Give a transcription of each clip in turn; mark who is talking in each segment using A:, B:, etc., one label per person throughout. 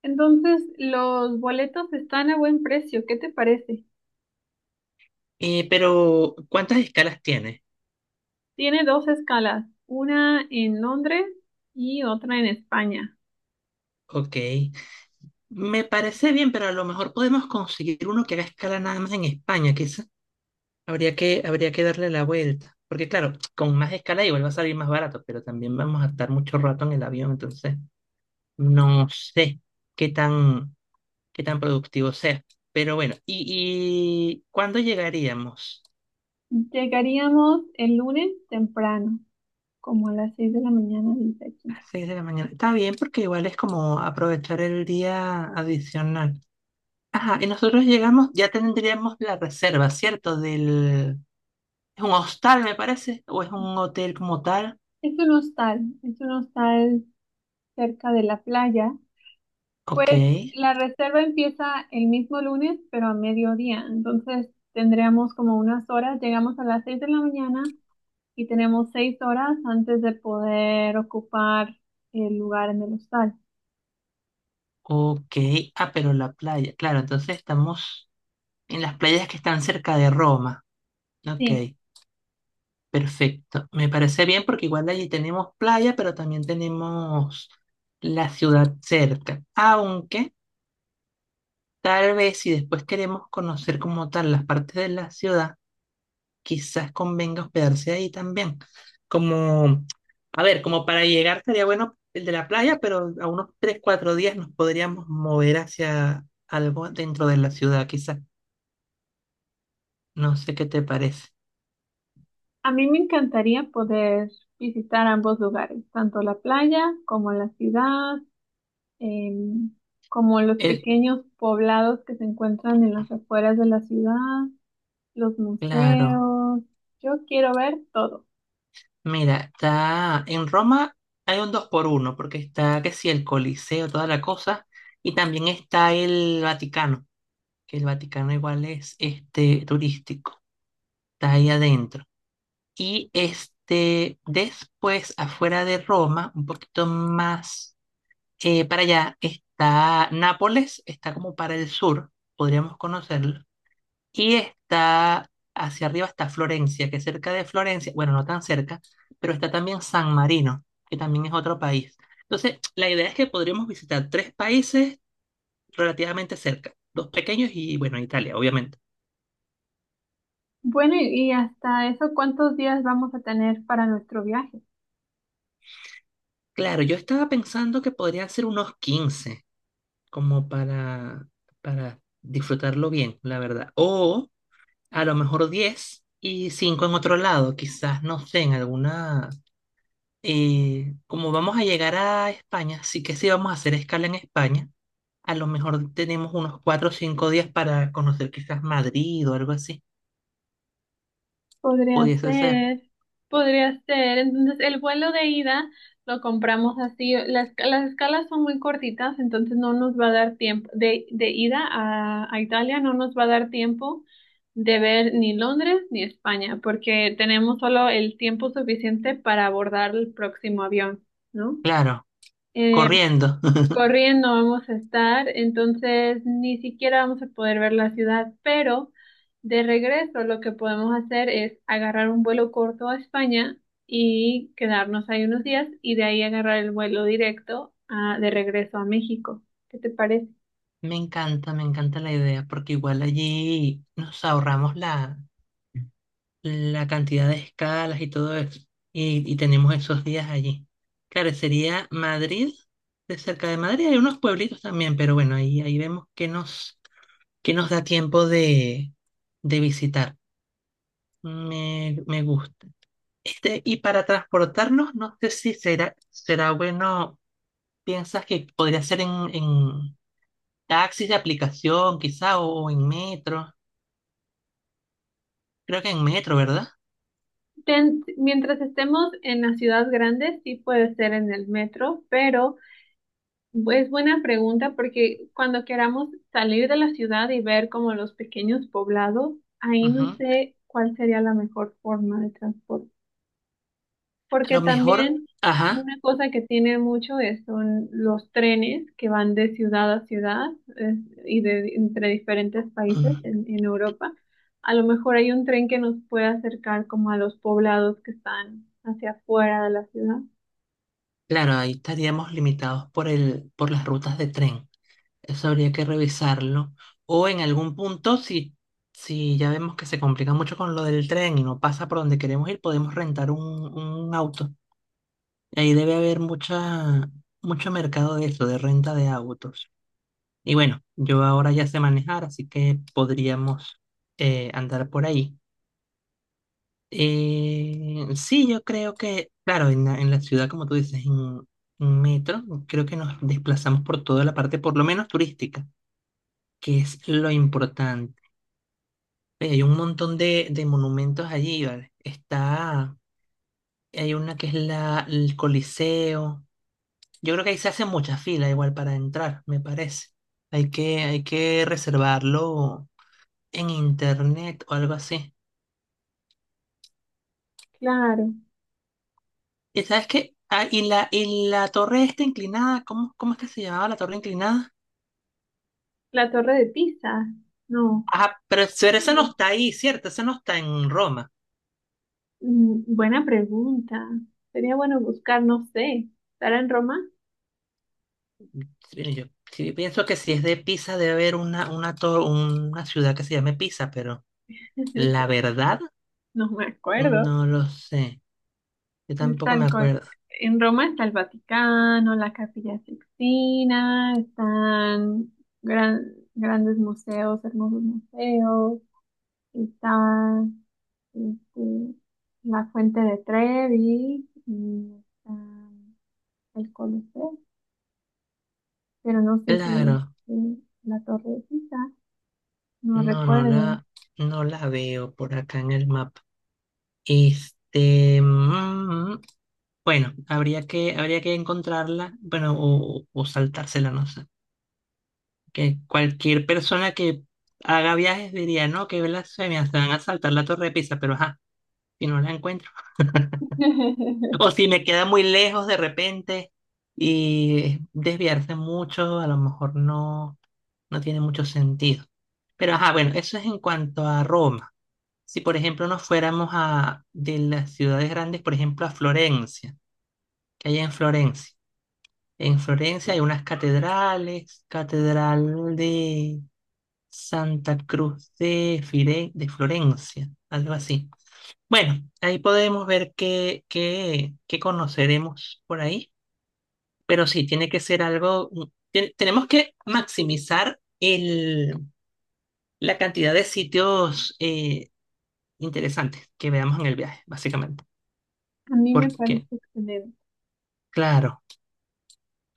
A: Entonces, los boletos están a buen precio. ¿Qué te parece?
B: Pero, ¿cuántas escalas tiene?
A: Tiene dos escalas, una en Londres y otra en España.
B: Ok. Me parece bien, pero a lo mejor podemos conseguir uno que haga escala nada más en España, quizás. Habría que darle la vuelta. Porque claro, con más escala igual va a salir más barato, pero también vamos a estar mucho rato en el avión, entonces no sé qué tan, qué tan productivo sea. Pero bueno, ¿y cuándo llegaríamos?
A: Llegaríamos el lunes temprano, como a las 6 de la mañana, dice
B: A
A: aquí.
B: las 6 de la mañana. Está bien, porque igual es como aprovechar el día adicional. Ajá, y nosotros llegamos, ya tendríamos la reserva, ¿cierto? Es un hostal, me parece, o es un hotel como tal.
A: Es un hostal cerca de la playa.
B: Ok,
A: Pues la reserva empieza el mismo lunes, pero a mediodía. Entonces, tendríamos como unas horas. Llegamos a las 6 de la mañana y tenemos 6 horas antes de poder ocupar el lugar en el hostal.
B: ok. Ah, pero la playa, claro, entonces estamos en las playas que están cerca de Roma. Ok,
A: Sí,
B: perfecto. Me parece bien porque igual allí tenemos playa, pero también tenemos la ciudad cerca. Aunque tal vez si después queremos conocer como tal las partes de la ciudad, quizás convenga hospedarse ahí también. Como, a ver, como para llegar estaría bueno el de la playa, pero a unos 3 4 días nos podríamos mover hacia algo dentro de la ciudad, quizás. No sé qué te parece.
A: a mí me encantaría poder visitar ambos lugares, tanto la playa como la ciudad, em, como los
B: El
A: pequeños poblados que se encuentran en las afueras de la ciudad, los
B: claro,
A: museos. Yo quiero ver todo.
B: mira, está en Roma, hay un 2 por uno, porque está, ¿que sí? El Coliseo, toda la cosa, y también está el Vaticano, que el Vaticano igual es este turístico, está ahí adentro. Y este, después, afuera de Roma, un poquito más para allá, está Nápoles, está como para el sur, podríamos conocerlo. Y está hacia arriba, está Florencia, que cerca de Florencia, bueno, no tan cerca, pero está también San Marino, que también es otro país. Entonces, la idea es que podríamos visitar tres países relativamente cerca, dos pequeños y, bueno, Italia, obviamente.
A: Bueno, y hasta eso, ¿cuántos días vamos a tener para nuestro viaje?
B: Claro, yo estaba pensando que podrían ser unos 15 como para disfrutarlo bien, la verdad. O a lo mejor 10 y 5 en otro lado, quizás, no sé, en alguna... Como vamos a llegar a España, sí que sí vamos a hacer escala en España. A lo mejor tenemos unos 4 o 5 días para conocer quizás Madrid o algo así.
A: Podría
B: Pudiese ser.
A: ser, podría ser. Entonces, el vuelo de ida lo compramos así. Las escalas son muy cortitas, entonces no nos va a dar tiempo. De ida a Italia no nos va a dar tiempo de ver ni Londres ni España, porque tenemos solo el tiempo suficiente para abordar el próximo avión, ¿no?
B: Claro,
A: Eh,
B: corriendo.
A: Corriendo vamos a estar, entonces ni siquiera vamos a poder ver la ciudad, pero de regreso lo que podemos hacer es agarrar un vuelo corto a España y quedarnos ahí unos días y de ahí agarrar el vuelo directo de regreso a México. ¿Qué te parece?
B: Me encanta la idea, porque igual allí nos ahorramos la... la cantidad de escalas y todo eso. Y tenemos esos días allí. Claro, sería Madrid, de cerca de Madrid hay unos pueblitos también, pero bueno, ahí vemos que nos da tiempo de visitar. Me gusta. Este, y para transportarnos, no sé si será, será bueno, ¿piensas que podría ser en taxis de aplicación quizá o en metro? Creo que en metro, ¿verdad?
A: Mientras estemos en las ciudades grandes, sí puede ser en el metro, pero es buena pregunta porque cuando queramos salir de la ciudad y ver como los pequeños poblados, ahí no
B: Ujú.
A: sé cuál sería la mejor forma de transporte.
B: A
A: Porque
B: lo mejor,
A: también
B: ajá.
A: una cosa que tiene mucho es, son los trenes que van de ciudad a ciudad es- y de entre diferentes países
B: mm,
A: en Europa. A lo mejor hay un tren que nos puede acercar como a los poblados que están hacia afuera de la ciudad.
B: Claro, ahí estaríamos limitados por por las rutas de tren. Eso habría que revisarlo. O en algún punto, si ya vemos que se complica mucho con lo del tren y no pasa por donde queremos ir, podemos rentar un auto. Y ahí debe haber mucho mercado de eso, de renta de autos. Y bueno, yo ahora ya sé manejar, así que podríamos andar por ahí. Sí, yo creo que, claro, en la, ciudad, como tú dices, en metro, creo que nos desplazamos por toda la parte, por lo menos turística, que es lo importante. Hay un montón de monumentos allí, ¿vale? Está, hay una que es el Coliseo. Yo creo que ahí se hace mucha fila igual para entrar, me parece. Hay que reservarlo en internet o algo así.
A: Claro,
B: ¿Y sabes qué? Ah, y la torre esta inclinada, ¿cómo es que se llamaba la torre inclinada?
A: la Torre de Pisa, no.
B: Ah, pero esa no está ahí, ¿cierto? Esa no está en Roma.
A: Mm, buena pregunta. Sería bueno buscar, no sé, ¿estará en Roma?
B: Sí, yo sí pienso que si es de Pisa debe haber una, una ciudad que se llame Pisa, pero la verdad
A: No me acuerdo.
B: no lo sé. Yo
A: Está
B: tampoco me
A: el co-
B: acuerdo.
A: en Roma está el Vaticano, la Capilla Sixtina, están grandes museos, hermosos museos, está este, la Fuente de Trevi y está el Coliseo, pero no sé si
B: Claro,
A: si la Torre de Pisa, no
B: no, no
A: recuerdo.
B: la, no la veo por acá en el mapa. Este, mm, mm, mm. Bueno, habría que encontrarla, bueno, o saltársela, no sé. Que cualquier persona que haga viajes diría, no, qué blasfemia, se van a saltar la Torre de Pisa, pero ajá, si no la encuentro. O si me queda muy lejos de repente y desviarse mucho, a lo mejor no, no tiene mucho sentido. Pero ajá, bueno, eso es en cuanto a Roma. Si por ejemplo nos fuéramos a de las ciudades grandes, por ejemplo a Florencia, que hay en Florencia. En Florencia hay unas catedrales, catedral de Santa Cruz de, de Florencia, algo así. Bueno, ahí podemos ver qué conoceremos por ahí, pero sí, tiene que ser algo, tenemos que maximizar la cantidad de sitios interesantes que veamos en el viaje, básicamente.
A: A mí me
B: Porque,
A: parece excelente.
B: claro,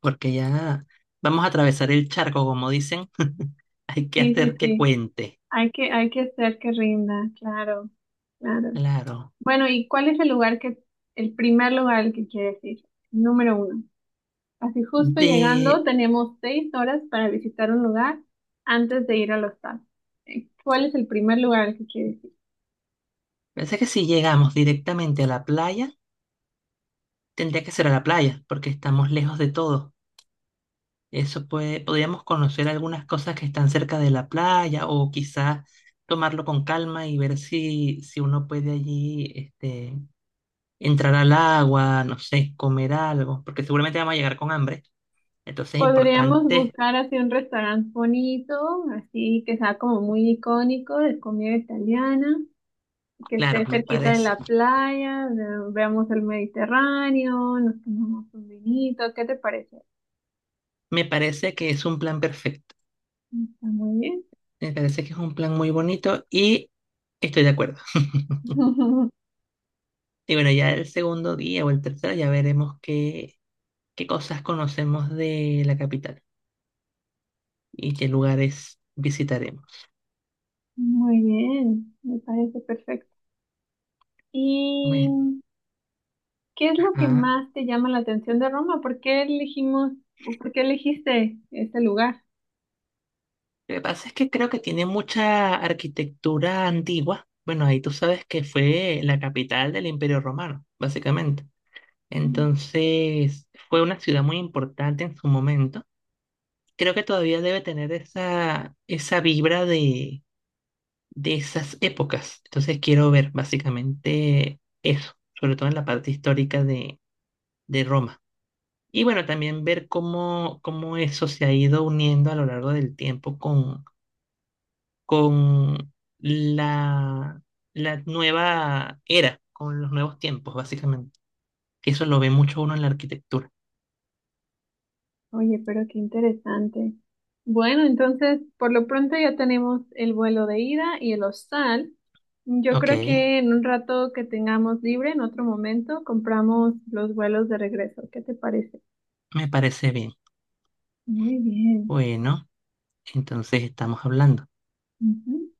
B: porque ya vamos a atravesar el charco, como dicen, hay que
A: Sí, sí,
B: hacer que
A: sí.
B: cuente,
A: Hay que hacer que rinda, claro, claro.
B: claro.
A: Bueno, ¿y cuál es el lugar que, el primer lugar al que quieres ir? Número uno. Así justo llegando,
B: De,
A: tenemos 6 horas para visitar un lugar antes de ir al hostal. ¿Cuál es el primer lugar al que quieres ir?
B: Parece que si llegamos directamente a la playa, tendría que ser a la playa, porque estamos lejos de todo. Eso podríamos conocer algunas cosas que están cerca de la playa o quizás tomarlo con calma y ver si uno puede allí entrar al agua, no sé, comer algo, porque seguramente vamos a llegar con hambre. Entonces es
A: Podríamos
B: importante,
A: buscar así un restaurante bonito, así que sea como muy icónico de comida italiana, que
B: claro,
A: esté
B: me
A: cerquita de
B: parece.
A: la playa, veamos el Mediterráneo, nos tomamos un vinito, ¿qué te parece?
B: Me parece que es un plan perfecto.
A: Está muy bien.
B: Me parece que es un plan muy bonito y estoy de acuerdo. Y bueno, ya el segundo día o el tercero ya veremos qué cosas conocemos de la capital y qué lugares visitaremos.
A: Muy bien, me parece perfecto. ¿Y
B: Bueno,
A: qué es lo que
B: ajá.
A: más te llama la atención de Roma? ¿Por qué elegimos o por qué elegiste este lugar?
B: Lo que pasa es que creo que tiene mucha arquitectura antigua. Bueno, ahí tú sabes que fue la capital del Imperio Romano, básicamente. Entonces, fue una ciudad muy importante en su momento. Creo que todavía debe tener esa vibra de esas épocas. Entonces quiero ver básicamente eso, sobre todo en la parte histórica de Roma. Y bueno, también ver cómo eso se ha ido uniendo a lo largo del tiempo con la, la nueva era, con los nuevos tiempos, básicamente. Que eso lo ve mucho uno en la arquitectura.
A: Oye, pero qué interesante. Bueno, entonces, por lo pronto ya tenemos el vuelo de ida y el hostal. Yo
B: Ok,
A: creo que en un rato que tengamos libre, en otro momento, compramos los vuelos de regreso. ¿Qué te parece?
B: me parece bien.
A: Muy bien.
B: Bueno, entonces estamos hablando.
A: Ujú.